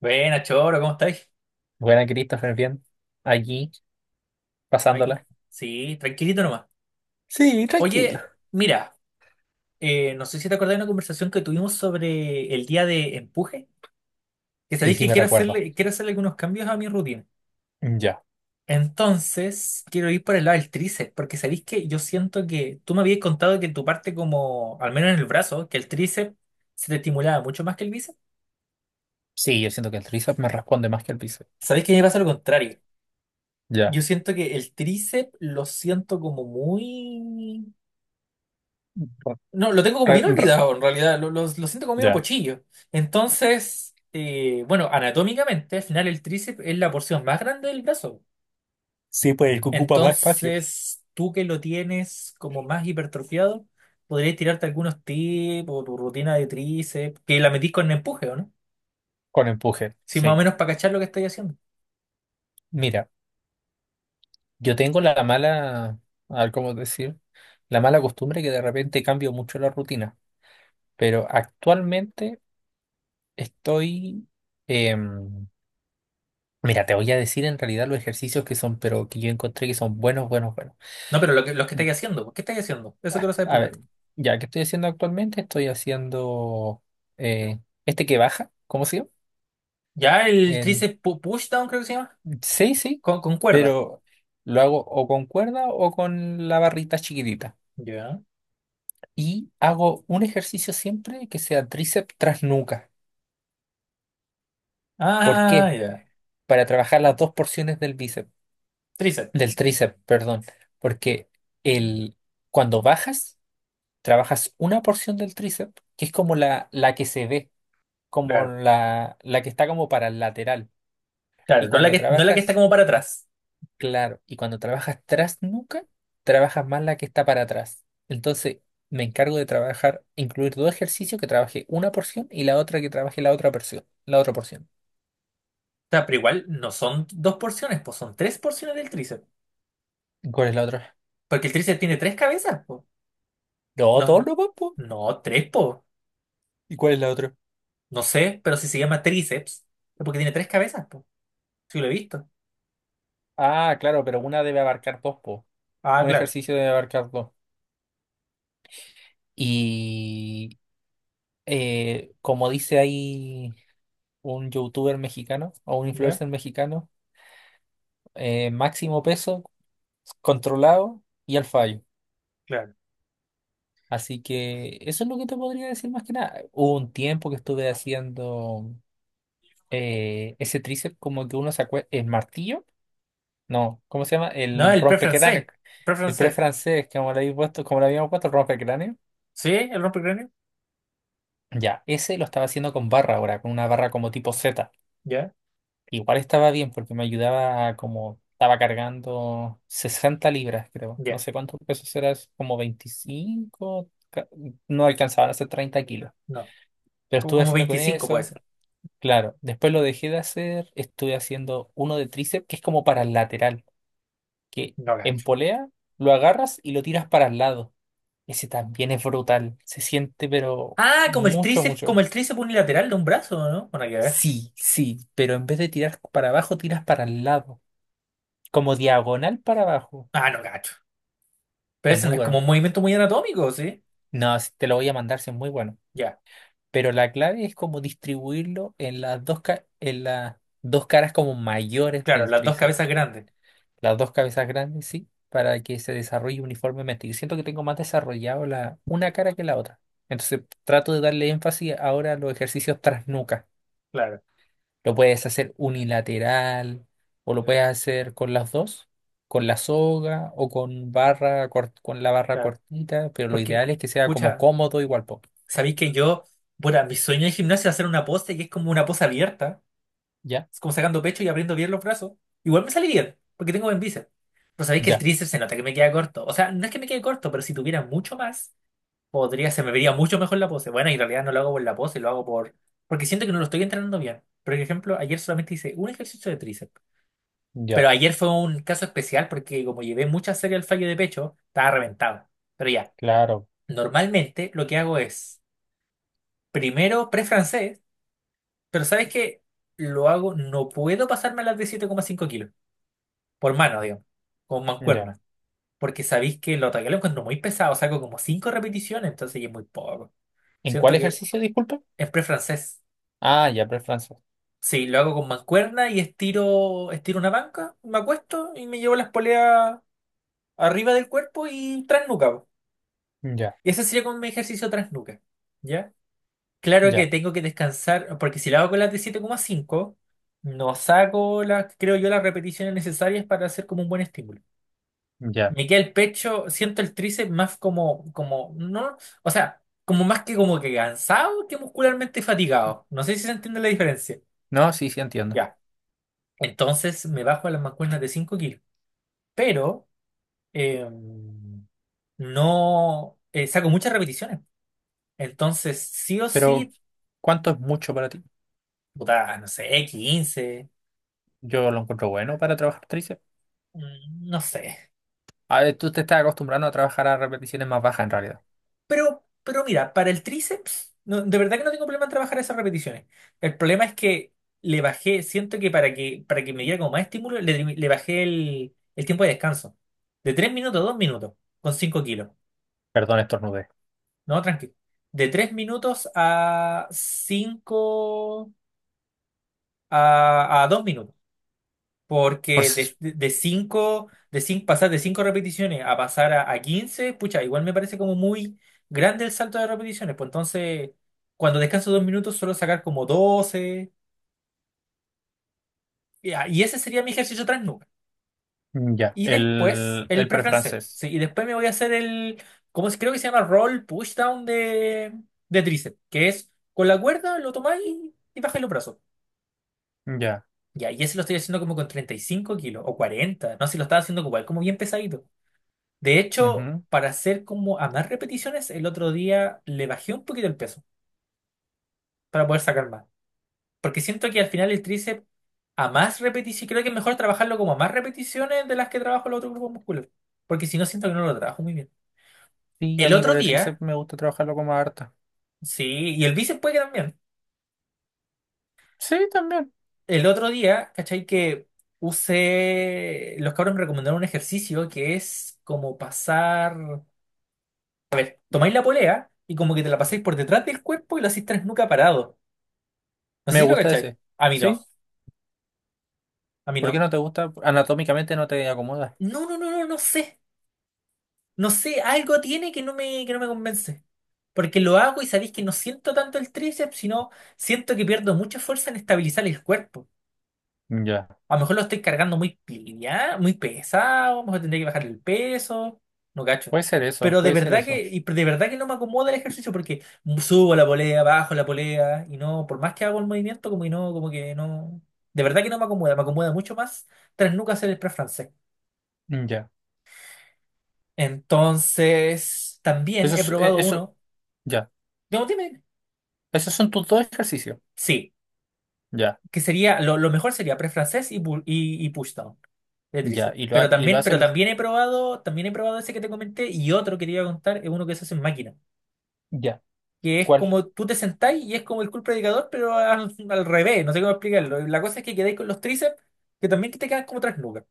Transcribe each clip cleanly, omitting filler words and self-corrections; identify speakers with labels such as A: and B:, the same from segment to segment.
A: Buena, Choro, ¿cómo estáis?
B: Buena, Christopher, bien. Allí
A: Aquí.
B: pasándola.
A: Sí, tranquilito nomás.
B: Sí, tranquilo.
A: Oye, mira, no sé si te acordás de una conversación que tuvimos sobre el día de empuje, que
B: Sí,
A: sabéis
B: sí,
A: que
B: me
A: quiero
B: recuerdo.
A: hacerle, quiero hacerle algunos cambios a mi rutina.
B: Ya.
A: Entonces, quiero ir por el lado del tríceps, porque sabéis que yo siento que tú me habías contado que tu parte como, al menos en el brazo, que el tríceps se te estimulaba mucho más que el bíceps.
B: Sí, yo siento que el tríceps me responde más que el bíceps.
A: Sabéis que a mí me pasa lo contrario.
B: Ya.
A: Yo siento que el tríceps lo siento como muy... No, lo tengo como
B: Re-
A: bien
B: re-
A: olvidado en realidad, lo siento como medio
B: ya.
A: pochillo. Entonces, bueno, anatómicamente, al final el tríceps es la porción más grande del brazo.
B: Sí, pues el que ocupa más espacio.
A: Entonces, tú que lo tienes como más hipertrofiado, podrías tirarte algunos tips o tu rutina de tríceps, que la metís con empuje, ¿o no?
B: Con empuje.
A: Sí, más o
B: Sí.
A: menos para cachar lo que estáis haciendo.
B: Mira, yo tengo la mala, a ver cómo decir, la mala costumbre que de repente cambio mucho la rutina. Pero actualmente estoy. em, Mira, te voy a decir en realidad los ejercicios que son, pero que yo encontré que son buenos, buenos, buenos.
A: No, pero lo que estáis haciendo, ¿qué estáis haciendo? Eso quiero saber
B: A
A: primero.
B: ver, ya, ¿qué estoy haciendo actualmente? Estoy haciendo eh, este que baja, ¿cómo se llama?
A: Ya el
B: El,
A: tríceps push down creo que se llama,
B: sí, sí,
A: con cuerda.
B: pero lo hago o con cuerda o con la barrita chiquitita.
A: Ya.
B: Y hago un ejercicio siempre que sea tríceps tras nuca. ¿Por
A: Ah,
B: qué?
A: ya.
B: Para trabajar las dos porciones del bíceps,
A: Tríceps.
B: del tríceps, perdón. Porque el, cuando bajas, trabajas una porción del tríceps, que es como la que se ve, como la que está como para el lateral. Y
A: Claro, no la
B: cuando
A: que, no la que está
B: trabajas,
A: como para atrás.
B: claro, y cuando trabajas tras nuca, trabajas más la que está para atrás. Entonces, me encargo de trabajar, incluir dos ejercicios que trabaje una porción y la otra que trabaje la otra porción, la otra porción.
A: O sea, pero igual no son dos porciones, pues son tres porciones del tríceps.
B: ¿Y cuál es la otra?
A: Porque el tríceps tiene tres cabezas, po.
B: No,
A: No,
B: dos no, po.
A: no, tres, po.
B: ¿Y cuál es la otra?
A: No sé, pero si se llama tríceps, es porque tiene tres cabezas, po. Sí, lo he visto.
B: Ah, claro, pero una debe abarcar dos, po.
A: Ah,
B: Un
A: claro.
B: ejercicio debe abarcar dos. Y como dice ahí un youtuber mexicano o un
A: Ya,
B: influencer mexicano, máximo peso controlado y al fallo.
A: claro.
B: Así que eso es lo que te podría decir más que nada. Hubo un tiempo que estuve haciendo ese tríceps como que uno se acuerda, el martillo, no, ¿cómo se llama?
A: No,
B: El
A: el pre francés.
B: rompecráneo,
A: Pre
B: el pre
A: francés.
B: francés, como le habíamos puesto, como le habíamos puesto el rompecráneo.
A: ¿Sí? ¿El rompecráneo?
B: Ya, ese lo estaba haciendo con barra ahora, con una barra como tipo Z.
A: Ya,
B: Igual estaba bien porque me ayudaba a como estaba cargando 60 libras, creo. No
A: ya.
B: sé cuántos pesos era, es como 25, no alcanzaban a ser 30 kilos.
A: No.
B: Pero
A: Como,
B: estuve
A: como
B: haciendo con
A: 25 puede
B: eso.
A: ser.
B: Claro, después lo dejé de hacer, estuve haciendo uno de tríceps que es como para el lateral, que
A: No
B: en
A: gacho.
B: polea lo agarras y lo tiras para el lado. Ese también es brutal, se siente pero
A: Ah, como el
B: mucho,
A: tríceps,
B: mucho.
A: como el tríceps unilateral de un brazo, ¿no? Bueno, hay que ver.
B: Sí, sí, pero en vez de tirar para abajo, tiras para el lado, como diagonal para abajo.
A: Ah, no gacho. Pero
B: Es
A: ese no
B: muy
A: es como
B: bueno.
A: un movimiento muy anatómico, ¿sí?
B: No, si te lo voy a mandar, sí es muy bueno.
A: Ya.
B: Pero la clave es como distribuirlo en las dos, en las dos caras como mayores
A: Claro,
B: del
A: las dos
B: tríceps.
A: cabezas grandes.
B: Las dos cabezas grandes, sí, para que se desarrolle uniformemente. Yo siento que tengo más desarrollado la una cara que la otra. Entonces trato de darle énfasis ahora a los ejercicios tras nuca.
A: Claro,
B: Lo puedes hacer unilateral o lo puedes hacer con las dos, con la soga o con barra con la barra
A: claro.
B: cortita, pero lo
A: Porque,
B: ideal es que sea como
A: pucha,
B: cómodo igual po.
A: sabéis que yo, bueno, mi sueño en gimnasia es hacer una pose que es como una pose abierta,
B: ¿Ya?
A: es como sacando pecho y abriendo bien los brazos. Igual me sale bien, porque tengo buen bíceps. Pero sabéis que el
B: Ya,
A: tríceps se nota que me queda corto. O sea, no es que me quede corto, pero si tuviera mucho más, podría, se me vería mucho mejor la pose. Bueno, y en realidad no lo hago por la pose, lo hago por. Porque siento que no lo estoy entrenando bien. Por ejemplo, ayer solamente hice un ejercicio de tríceps. Pero
B: ya,
A: ayer fue un caso especial porque como llevé mucha serie al fallo de pecho, estaba reventado. Pero ya.
B: claro,
A: Normalmente lo que hago es primero pre-francés, pero ¿sabes qué? Lo hago, no puedo pasarme a las de 7,5 kilos, por mano, digamos, con
B: ya.
A: mancuerna, porque sabéis que lo ataque lo encuentro muy pesado, saco como 5 repeticiones, entonces ya es muy poco.
B: ¿En cuál
A: Siento que
B: ejercicio, disculpa?
A: es pre-francés.
B: Ah, ya, pre.
A: Sí, lo hago con mancuerna y estiro una banca, me acuesto y me llevo las poleas arriba del cuerpo y tras nuca po.
B: Ya,
A: Y ese sería como mi ejercicio tras nuca, ¿ya? Claro que
B: ya,
A: tengo que descansar, porque si la hago con las de 7,5 no saco las, creo yo, las repeticiones necesarias para hacer como un buen estímulo.
B: ya.
A: Me queda el pecho, siento el tríceps más no, o sea, como más que como que cansado que muscularmente fatigado. No sé si se entiende la diferencia.
B: No, sí, sí entiendo.
A: Ya. Entonces me bajo a las mancuernas de 5 kilos, pero eh, no saco muchas repeticiones. Entonces, sí o
B: Pero
A: sí,
B: ¿cuánto es mucho para ti?
A: puta, no sé, 15
B: Yo lo encuentro bueno para trabajar tríceps.
A: no sé.
B: A ver, tú te estás acostumbrando a trabajar a repeticiones más bajas en realidad.
A: Pero mira, para el tríceps, de verdad que no tengo problema en trabajar esas repeticiones. El problema es que le bajé, siento que para que me diera como más estímulo, le bajé el tiempo de descanso. De 3 minutos a 2 minutos, con 5 kilos.
B: Perdón, estornudé.
A: No, tranquilo. De 3 minutos a 5 a 2 minutos.
B: Por
A: Porque
B: si-
A: cinco, de cinco pasar de cinco repeticiones a pasar a 15 pucha, igual me parece como muy grande el salto de repeticiones. Pues entonces, cuando descanso 2 minutos, suelo sacar como 12. Y ese sería mi ejercicio nuca.
B: mm, ya,
A: Y después, el
B: el
A: pre-francés.
B: prefrancés.
A: Sí, y después me voy a hacer el, como creo que se llama roll pushdown de tríceps, que es con la cuerda lo tomáis y bajáis los brazos.
B: Ya.
A: Ya, y ese lo estoy haciendo como con 35 kilos o 40. No sé si lo estaba haciendo igual, como bien pesadito. De hecho,
B: Ujú.
A: para hacer como a más repeticiones, el otro día le bajé un poquito el peso para poder sacar más. Porque siento que al final el tríceps a más repeticiones, creo que es mejor trabajarlo como a más repeticiones de las que trabajo el otro grupo muscular. Porque si no, siento que no lo trabajo muy bien.
B: Sí, a
A: El
B: mí
A: otro
B: igual el
A: día,
B: tríceps me gusta trabajarlo como harta.
A: sí, y el bíceps puede que también.
B: Sí, también.
A: El otro día, ¿cachai? Que usé, los cabros me recomendaron un ejercicio que es como pasar, tomáis la polea y como que te la pasáis por detrás del cuerpo y lo hacís tres nuca parado. No sé
B: Me
A: si lo
B: gusta
A: cachai.
B: ese.
A: A mí no.
B: ¿Sí?
A: A mí
B: ¿Por
A: no.
B: qué no te gusta? Anatómicamente no te acomoda.
A: No, no, no, no, no sé. No sé, algo tiene que no me convence. Porque lo hago y sabéis que no siento tanto el tríceps, sino siento que pierdo mucha fuerza en estabilizar el cuerpo.
B: Ya.
A: A lo mejor lo estoy cargando muy pilla, muy pesado, a lo mejor tendré que bajar el peso, no cacho.
B: Puede ser eso,
A: Pero de
B: puede ser
A: verdad que,
B: eso.
A: y de verdad que no me acomoda el ejercicio porque subo la polea, bajo la polea, y no, por más que hago el movimiento, como que no. De verdad que no me acomoda, me acomoda mucho más tras nunca hacer el press francés.
B: Ya.
A: Entonces, también he probado
B: Eso,
A: uno.
B: ya.
A: No, dime, dime.
B: Esos son tus dos ejercicios.
A: Sí,
B: Ya,
A: que sería, lo mejor sería press francés y pushdown de
B: ya.
A: tríceps. Pero
B: Y lo
A: también,
B: hace
A: pero
B: el.
A: también he probado, también he probado ese que te comenté y otro que te iba a contar es uno que se hace en máquina.
B: Ya.
A: Que es
B: ¿Cuál?
A: como tú te sentás y es como el curl predicador, pero al revés, no sé cómo explicarlo. La cosa es que quedáis con los tríceps que también que te quedan como tres nubes.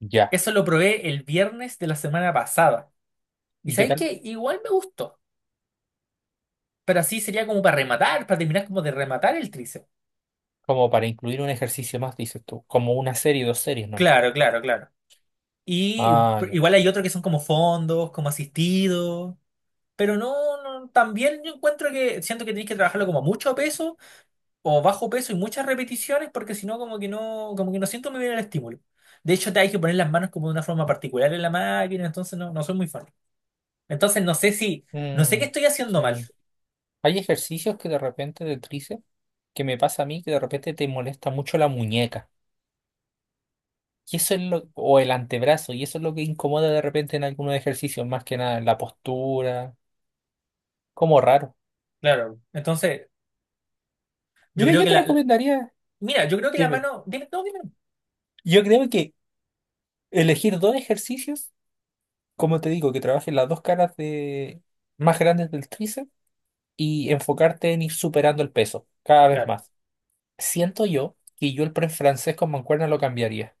B: Ya.
A: Eso lo probé el viernes de la semana pasada. Y
B: ¿Y qué
A: sabéis
B: tal?
A: que igual me gustó, pero así sería como para rematar, para terminar como de rematar el tríceps.
B: Como para incluir un ejercicio más, dices tú. Como una serie, dos series, ¿no?
A: Claro, claro, claro. Y
B: Ah, ya.
A: igual hay otros que son como fondos, como asistidos, pero no, no, también yo encuentro que siento que tenéis que trabajarlo como a mucho peso o bajo peso y muchas repeticiones porque si no como que no siento muy bien el estímulo. De hecho, te hay que poner las manos como de una forma particular en la máquina, entonces no, no soy muy fan. Entonces no sé qué
B: Mm,
A: estoy haciendo
B: sí.
A: mal.
B: Hay ejercicios que de repente de tríceps, que me pasa a mí, que de repente te molesta mucho la muñeca. Y eso es lo, o el antebrazo, y eso es lo que incomoda de repente en algunos ejercicios, más que nada, en la postura. Como raro.
A: Claro. Entonces, yo
B: Mira,
A: creo
B: yo
A: que
B: te recomendaría,
A: mira, yo creo que la
B: dime,
A: mano, dime, no, dime. No.
B: yo creo que elegir dos ejercicios, como te digo, que trabajen las dos caras de, más grandes del tríceps y enfocarte en ir superando el peso cada vez
A: Claro.
B: más. Siento yo que yo el pre francés con mancuerna lo cambiaría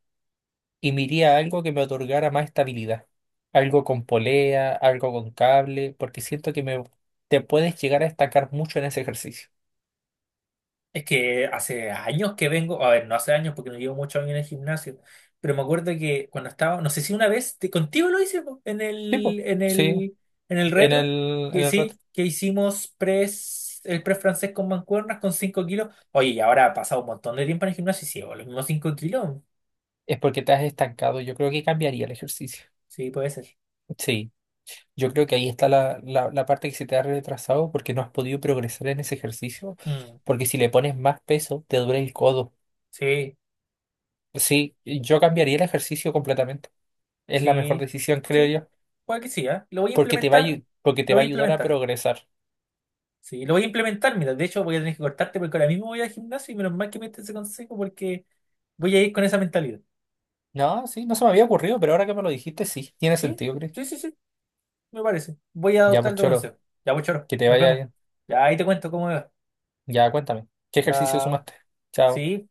B: y me iría a algo que me otorgara más estabilidad. Algo con polea, algo con cable, porque siento que me, te puedes llegar a estancar mucho en ese ejercicio.
A: Es que hace años que vengo, a ver, no hace años porque no llevo muchos años en el gimnasio, pero me acuerdo que cuando estaba, no sé si una vez, contigo lo hice po, en
B: Sí,
A: el,
B: po.
A: en
B: Sí,
A: el, en el retro,
B: en
A: que
B: el rato.
A: sí, que hicimos el press francés con mancuernas con 5 kilos. Oye, y ahora ha pasado un montón de tiempo en el gimnasio y sigo los mismos 5 kilos.
B: Es porque te has estancado. Yo creo que cambiaría el ejercicio.
A: Sí, puede ser.
B: Sí, yo creo que ahí está la parte que se te ha retrasado porque no has podido progresar en ese ejercicio.
A: Mm,
B: Porque si le pones más peso, te duele el codo.
A: sí,
B: Sí, yo cambiaría el ejercicio completamente. Es la mejor
A: sí,
B: decisión, creo
A: sí,
B: yo,
A: puede que sí, ¿ah? Lo voy a
B: porque te va a,
A: implementar,
B: porque te
A: lo
B: va
A: voy
B: a
A: a
B: ayudar a
A: implementar.
B: progresar.
A: Sí, lo voy a implementar, mira, de hecho voy a tener que cortarte porque ahora mismo voy al gimnasio y menos mal que me diste ese consejo porque voy a ir con esa mentalidad.
B: No, sí, no se me había ocurrido, pero ahora que me lo dijiste, sí, tiene
A: Sí,
B: sentido, Chris.
A: sí, sí, sí, me parece. Voy a
B: Ya, pues
A: adoptar tu
B: choro,
A: consejo. Ya, pues, choro,
B: que te
A: nos
B: vaya
A: vemos.
B: bien.
A: Ya ahí te cuento cómo me va.
B: Ya, cuéntame, ¿qué ejercicio
A: Chao.
B: sumaste? Chao.
A: Sí.